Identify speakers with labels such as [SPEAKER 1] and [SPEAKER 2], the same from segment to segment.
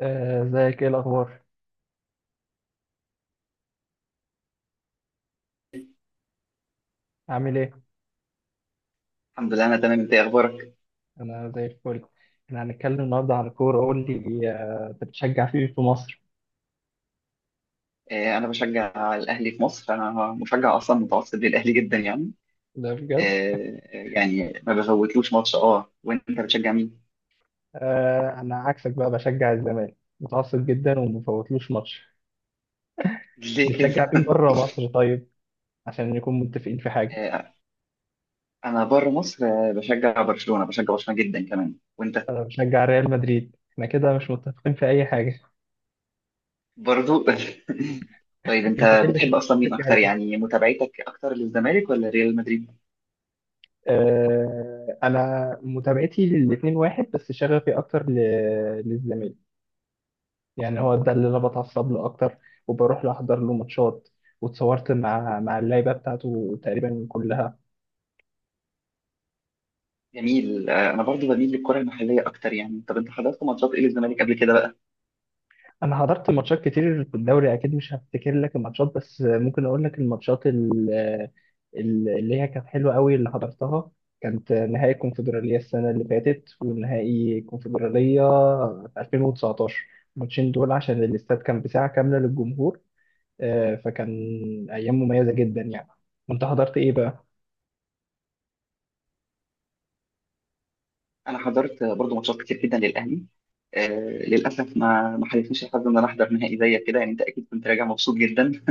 [SPEAKER 1] ازيك؟ ايه الاخبار؟ عامل ايه؟
[SPEAKER 2] الحمد لله، انا تمام. انت إيه اخبارك؟
[SPEAKER 1] انا زي الفل. احنا هنتكلم النهارده عن الكوره، قول لي، انت بتشجع فيه في مصر؟
[SPEAKER 2] انا بشجع الاهلي في مصر. انا مشجع اصلا متعصب للاهلي جدا يعني.
[SPEAKER 1] ده بجد؟
[SPEAKER 2] يعني ما بفوتلوش ماتش. اه وانت بتشجع مين؟
[SPEAKER 1] انا عكسك بقى، بشجع الزمالك متعصب جدا وما بفوتلوش ماتش.
[SPEAKER 2] ليه كده؟
[SPEAKER 1] بتشجع مين بره مصر طيب؟ عشان نكون متفقين في حاجه.
[SPEAKER 2] آه، انا بره مصر بشجع برشلونة، بشجع برشلونة جدا كمان. وانت؟
[SPEAKER 1] انا بشجع ريال مدريد، احنا كده مش متفقين في اي حاجه.
[SPEAKER 2] برضو. طيب
[SPEAKER 1] انت
[SPEAKER 2] انت
[SPEAKER 1] ايه اللي خلاك
[SPEAKER 2] بتحب اصلا مين
[SPEAKER 1] تشجع
[SPEAKER 2] اكتر؟
[SPEAKER 1] الاهلي؟
[SPEAKER 2] يعني متابعتك اكتر للزمالك ولا ريال مدريد؟
[SPEAKER 1] انا متابعتي للاتنين واحد، بس شغفي اكتر للزمالك. يعني هو ده اللي انا بتعصب له اكتر، وبروح له احضر له ماتشات، واتصورت مع اللعيبه بتاعته تقريبا كلها.
[SPEAKER 2] جميل. انا برضو بميل للكرة المحلية اكتر يعني. طب انت حضرت ماتشات ايه للزمالك قبل كده بقى؟
[SPEAKER 1] انا حضرت ماتشات كتير في الدوري، اكيد مش هفتكر لك الماتشات، بس ممكن اقول لك الماتشات اللي هي كانت حلوه قوي اللي حضرتها. كانت نهائي الكونفدراليه السنه اللي فاتت، ونهائي الكونفدراليه في 2019. الماتشين دول عشان الاستاد كان بساعه كامله للجمهور، فكان ايام مميزه جدا يعني. وانت حضرت ايه بقى؟
[SPEAKER 2] انا حضرت برضو ماتشات كتير جدا للاهلي. آه للاسف ما حالفنيش الحظ ان انا احضر نهائي زيك كده يعني. انت اكيد كنت راجع مبسوط جدا.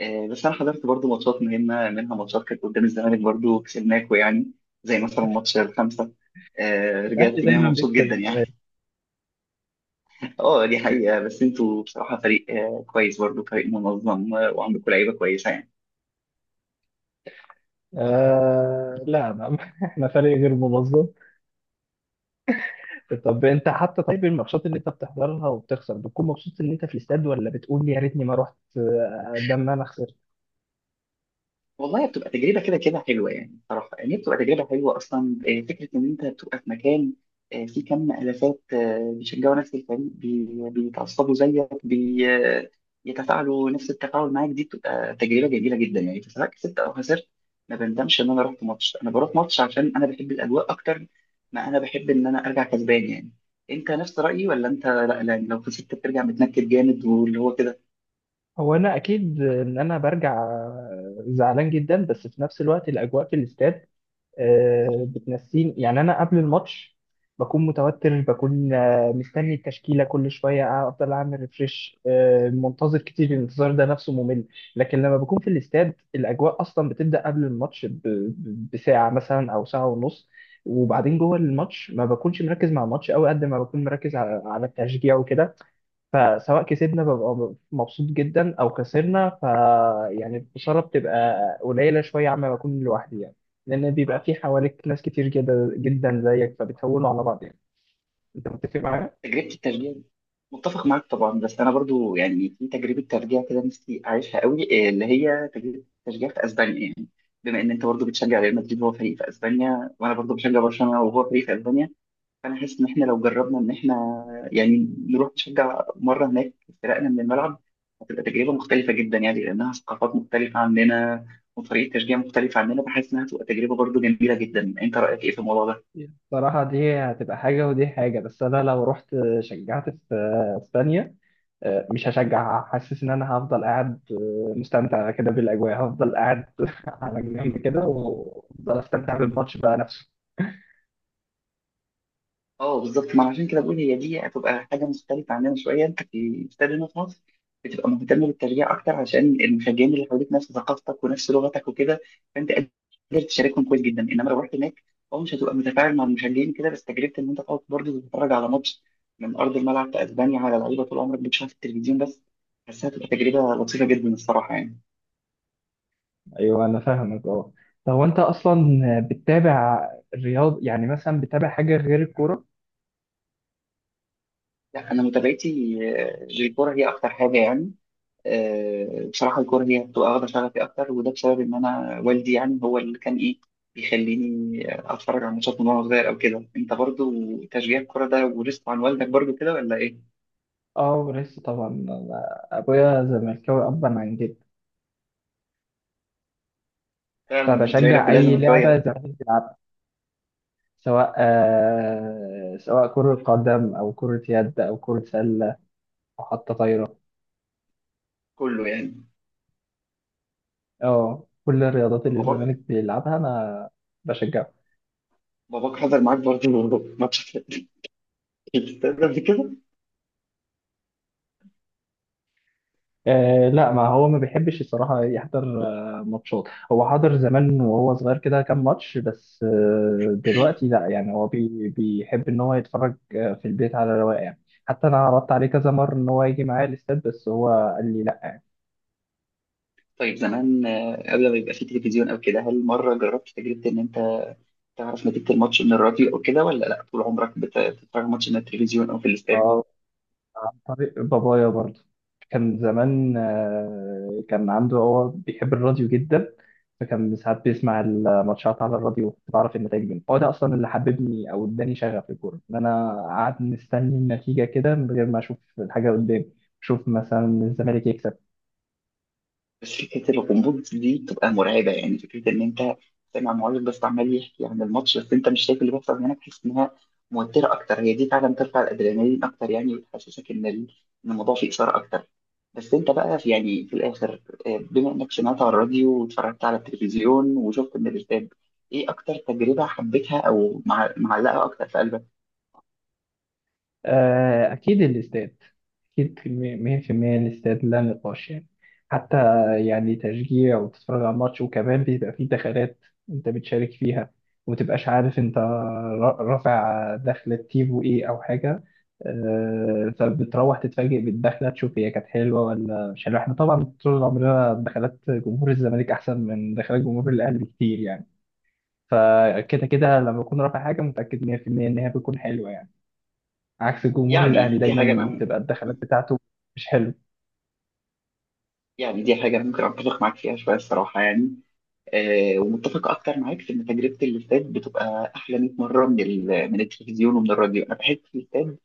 [SPEAKER 2] بس انا حضرت برضو ماتشات مهمه، منها ماتشات كانت قدام الزمالك برضو كسبناكو يعني، زي مثلا ماتش الخمسه.
[SPEAKER 1] الاهلي
[SPEAKER 2] رجعت منها
[SPEAKER 1] دايما
[SPEAKER 2] مبسوط
[SPEAKER 1] بيكسب.
[SPEAKER 2] جدا يعني. اه، دي حقيقه. بس انتوا بصراحه فريق كويس برضو، فريق منظم، وعندكم لعيبه كويسه يعني.
[SPEAKER 1] آه لا، ما احنا فريق غير منظم. طب انت حتى، طيب الماتشات اللي انت بتحضرها وبتخسر، بتكون مبسوط ان انت في الاستاد، ولا بتقول يا ريتني ما رحت، ده ان انا خسرت؟
[SPEAKER 2] والله بتبقى تجربة كده كده حلوة يعني، صراحة يعني هي بتبقى تجربة حلوة أصلا. فكرة إن أنت بتبقى في مكان فيه كم آلافات بيشجعوا نفس الفريق، بيتعصبوا زيك، يتفاعلوا نفس التفاعل معاك، دي بتبقى تجربة جميلة جدا يعني، سواء كسبت أو خسرت. ما بندمش إن أنا رحت ماتش. أنا بروح ماتش عشان أنا بحب الأجواء أكتر ما أنا بحب إن أنا أرجع كسبان يعني. أنت نفس رأيي ولا أنت لا، لا لو خسرت بترجع متنكد جامد واللي هو كده؟
[SPEAKER 1] هو انا اكيد ان انا برجع زعلان جدا، بس في نفس الوقت الاجواء في الاستاد بتنسيني، يعني انا قبل الماتش بكون متوتر، بكون مستني التشكيله كل شويه، افضل اعمل ريفريش، منتظر كتير، الانتظار ده نفسه ممل. لكن لما بكون في الاستاد الاجواء اصلا بتبدا قبل الماتش بساعه مثلا او ساعه ونص. وبعدين جوه الماتش ما بكونش مركز مع الماتش قوي قد ما بكون مركز على التشجيع وكده، فسواء كسبنا ببقى مبسوط جدا او خسرنا، ف يعني الخساره بتبقى قليله شويه عما بكون لوحدي يعني، لان بيبقى في حواليك ناس كتير جدا جدا زيك، فبتهونوا على بعض يعني. انت متفق معايا؟
[SPEAKER 2] تجربة الترجيع دي متفق معاك طبعا. بس انا برضو يعني في تجربة ترجيع كده نفسي اعيشها قوي، إيه اللي هي تجربة الترجيع في اسبانيا يعني. بما ان انت برضو بتشجع ريال مدريد وهو فريق في اسبانيا، وانا برضو بشجع برشلونة وهو فريق في اسبانيا، فانا حاسس ان احنا لو جربنا ان احنا يعني نروح نشجع مرة هناك، فرقنا من الملعب، هتبقى تجربة مختلفة جدا يعني، لانها ثقافات مختلفة عننا وطريقة تشجيع مختلفة عننا. بحس انها هتبقى تجربة برضو جميلة جدا. انت رأيك ايه في الموضوع ده؟
[SPEAKER 1] صراحة دي هتبقى حاجة، ودي حاجة، بس أنا لو رحت شجعت في اسبانيا مش هشجع، حاسس إن أنا هفضل قاعد مستمتع كده بالأجواء، هفضل قاعد على جنب كده وأفضل أستمتع بالماتش بقى نفسه.
[SPEAKER 2] اه بالظبط، ما عشان كده بقول هي دي هتبقى حاجه مختلفه عننا شويه. انت في الاستاد هنا في مصر بتبقى مهتم بالتشجيع اكتر عشان المشجعين اللي حواليك نفس ثقافتك ونفس لغتك وكده، فانت قادر تشاركهم كويس جدا. انما لو رحت هناك، اه مش هتبقى متفاعل مع المشجعين كده، بس تجربه ان انت تقعد برضه تتفرج على ماتش من ارض الملعب في اسبانيا، على لعيبه طول عمرك بتشوفها في التلفزيون بس، حاسسها هتبقى تجربه لطيفه جدا الصراحه يعني.
[SPEAKER 1] ايوه انا فاهمك، اه. طب وانت اصلا بتتابع الرياض يعني، مثلا بتتابع حاجه غير الكوره؟
[SPEAKER 2] لا انا متابعتي للكوره هي اكتر حاجه يعني. بصراحة الكورة هي بتبقى واخدة شغفي أكتر، وده بسبب إن أنا والدي يعني هو اللي كان إيه بيخليني أتفرج على ماتشات من وأنا صغير أو كده. أنت برضو تشجيع الكورة ده ورثته عن والدك برضو كده ولا إيه؟
[SPEAKER 1] اه لسه طبعا. أنا ابويا زملكاوي ابا عن جد،
[SPEAKER 2] فعلا أنت لك
[SPEAKER 1] فبشجع
[SPEAKER 2] كلها
[SPEAKER 1] اي
[SPEAKER 2] زملكاوية
[SPEAKER 1] لعبه
[SPEAKER 2] بقى.
[SPEAKER 1] زمالك بيلعبها، سواء آه سواء كره قدم او كره يد او كره سله او حتى طايره.
[SPEAKER 2] كله يعني.
[SPEAKER 1] اه كل الرياضات
[SPEAKER 2] طب
[SPEAKER 1] اللي الزمالك
[SPEAKER 2] باباك،
[SPEAKER 1] بيلعبها انا بشجعها.
[SPEAKER 2] باباك حضر معاك برضو ماتش في الاستاد قبل كده؟
[SPEAKER 1] آه لا، ما هو ما بيحبش الصراحة يحضر آه ماتشات. هو حضر زمان وهو صغير كده كام ماتش بس. آه دلوقتي لا، يعني هو بيحب ان هو يتفرج في البيت على رواقه يعني. حتى انا عرضت عليه كذا مرة ان هو يجي معايا الاستاد، بس هو قال لي
[SPEAKER 2] طيب زمان، قبل ما يبقى في تلفزيون أو كده، هل مرة جربت تجربة إن أنت تعرف نتيجة الماتش من الراديو أو كده، ولا لأ طول عمرك بتتفرج ماتش من التلفزيون أو في الاستاد؟
[SPEAKER 1] لا. عن طريق بابايا برضه، كان زمان، كان عنده، هو بيحب الراديو جدا، فكان ساعات بيسمع الماتشات على الراديو، بعرف النتائج منه. هو ده اصلا اللي حببني او اداني شغف الكوره، ان انا قعدت مستني النتيجه كده من غير ما اشوف الحاجه قدامي، اشوف مثلا الزمالك يكسب.
[SPEAKER 2] بس فكره الغموض دي بتبقى مرعبه يعني. فكره ان انت سامع معلق بس عمال يحكي عن الماتش، بس انت مش شايف اللي بيحصل هناك، تحس انها موتره اكتر. هي دي فعلا ترفع الادرينالين اكتر يعني، وتحسسك إن الموضوع فيه اثاره اكتر. بس انت بقى في يعني في الاخر، بما انك سمعت على الراديو واتفرجت على التلفزيون وشفت من الاستاد، ايه اكتر تجربه حبيتها او معلقه اكتر في قلبك؟
[SPEAKER 1] أكيد الاستاد، أكيد مية في المية الاستاد، لا نقاش يعني. حتى يعني تشجيع وتتفرج على الماتش، وكمان بيبقى فيه دخلات أنت بتشارك فيها، ومتبقاش عارف أنت رافع دخلة تيفو إيه أو حاجة. فبتروح تتفاجئ بالدخلة، تشوف هي كانت حلوة ولا مش حلوة. إحنا طبعا طول عمرنا دخلات جمهور الزمالك أحسن من دخلات جمهور الأهلي بكتير يعني، فكده كده لما أكون رافع حاجة متأكد مية في المية إن هي بتكون حلوة يعني. عكس الجمهور الأهلي،
[SPEAKER 2] يعني دي حاجه
[SPEAKER 1] دايما
[SPEAKER 2] أنا-
[SPEAKER 1] بتبقى الدخلات بتاعته مش حلو.
[SPEAKER 2] يعني دي حاجه أنا ممكن اتفق معاك فيها شويه الصراحه يعني. ومتفق اكتر معاك في ان تجربه الاستاد بتبقى احلى 100 مره من من التلفزيون ومن الراديو. انا بحس في الاستاد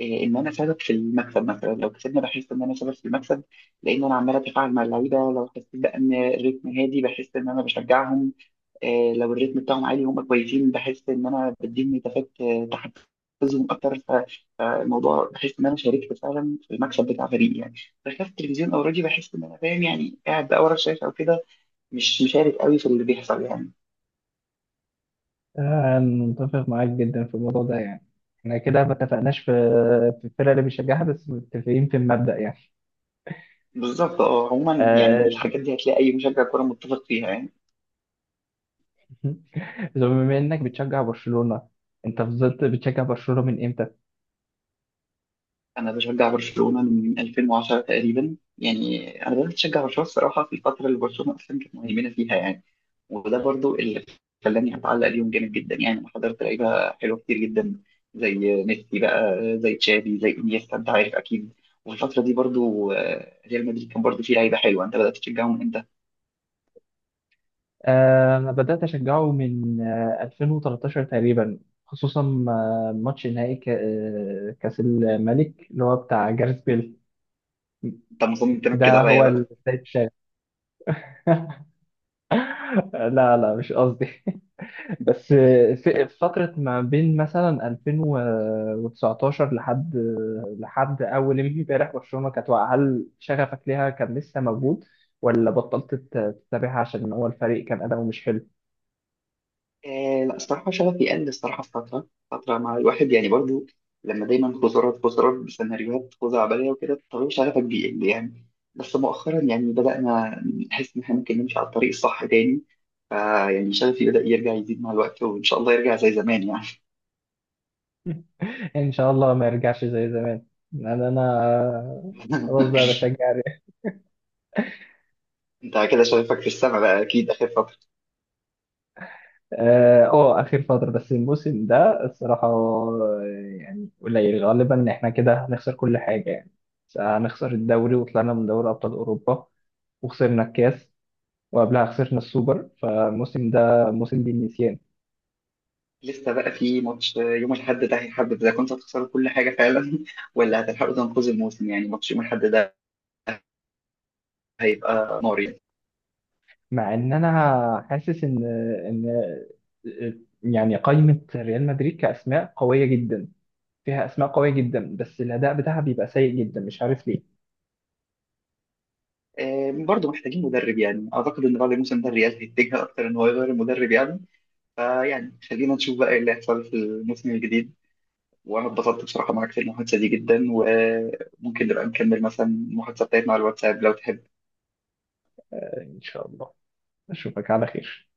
[SPEAKER 2] ان انا سبب في المكسب، مثلا لو كسبنا بحس ان انا سبب في المكسب، لان انا عمال اتفاعل مع اللعيبه. لو حسيت بقى ان الريتم هادي بحس ان انا بشجعهم، لو الريتم بتاعهم عالي وهم كويسين بحس ان انا بديهم نتافات تحفزهم اكتر. فالموضوع بحس ان انا شاركت فعلا في المكسب بتاع فريقي يعني. بخلاف التلفزيون او الراديو، بحس ان انا فاهم يعني، قاعد بقى ورا الشاشه او كده، مش مشارك قوي في اللي بيحصل يعني.
[SPEAKER 1] متفق معاك جدا في الموضوع ده يعني. احنا كده ما اتفقناش في الفرقة اللي بيشجعها، بس متفقين في المبدأ يعني.
[SPEAKER 2] بالظبط. اه عموما يعني
[SPEAKER 1] آه،
[SPEAKER 2] الحاجات دي هتلاقي اي مشجع كوره متفق فيها يعني.
[SPEAKER 1] بما انك بتشجع برشلونة، انت فضلت بتشجع برشلونة من امتى؟
[SPEAKER 2] انا بشجع برشلونه من 2010 تقريبا يعني. انا بدات اشجع برشلونه الصراحه في الفتره اللي برشلونه اصلا كانت مهيمنه فيها يعني، وده برضو اللي خلاني اتعلق بيهم جامد جدا يعني. انا حضرت لعيبه حلوه كتير جدا، زي ميسي بقى، زي تشافي، زي انيستا، انت عارف اكيد. وفي الفتره دي برضو ريال مدريد كان برضو فيه لعيبه حلوه. انت بدات تشجعهم امتى؟
[SPEAKER 1] انا بدأت اشجعه من 2013 تقريبا. خصوصا ماتش نهائي كأس الملك اللي هو بتاع جاريث بيل.
[SPEAKER 2] انت مصمم تنكد
[SPEAKER 1] ده هو
[SPEAKER 2] عليا.
[SPEAKER 1] البداية التاني. لا لا مش قصدي. بس في فترة ما بين مثلا 2019 لحد أول امبارح برشلونة كانت واقعة. هل شغفك ليها كان لسه موجود، ولا بطلت تتابعها عشان هو الفريق كان أداؤه مش حلو؟
[SPEAKER 2] آه لا الصراحة شغفي قل الصراحة في فترة مع الواحد يعني برضو، لما دايما خزارات بسيناريوهات خزعبلية عبالية وكده، طبيعي شغفك بيقل يعني. بس مؤخرا يعني بدأنا نحس إن إحنا ممكن نمشي على الطريق الصح تاني، فيعني شغفي بدأ يرجع يزيد مع الوقت وإن شاء الله يرجع زي زمان يعني.
[SPEAKER 1] إن شاء الله ما يرجعش زي زمان. أنا خلاص بقى بشجع الريال.
[SPEAKER 2] أنت كده شغفك في السما بقى أكيد آخر فترة.
[SPEAKER 1] اه اخر فتره. بس الموسم ده الصراحه، يعني قليل غالبا ان احنا كده هنخسر كل حاجه يعني، هنخسر الدوري وطلعنا من دوري ابطال اوروبا، وخسرنا الكاس، وقبلها خسرنا السوبر، فالموسم ده موسم للنسيان.
[SPEAKER 2] لسه بقى في ماتش يوم الأحد ده هيحدد إذا كنت هتخسروا كل حاجة فعلا ولا هتلحقوا تنقذوا الموسم يعني. ماتش يوم الأحد ده هيبقى نار يعني.
[SPEAKER 1] مع ان انا حاسس ان يعني قائمة ريال مدريد كأسماء قوية جدا، فيها أسماء قوية جدا، بس الأداء بتاعها بيبقى سيء جدا، مش عارف ليه.
[SPEAKER 2] برضه محتاجين مدرب يعني، اعتقد ان بعد الموسم ده الريال هيتجه اكتر ان هو يغير المدرب يعني. فيعني خلينا نشوف بقى ايه اللي هيحصل في الموسم الجديد. وانا اتبسطت بصراحه معاك في المحادثه دي جدا، وممكن نبقى نكمل مثلا المحادثه بتاعتنا على الواتساب لو تحب.
[SPEAKER 1] إن شاء الله أشوفك على خير.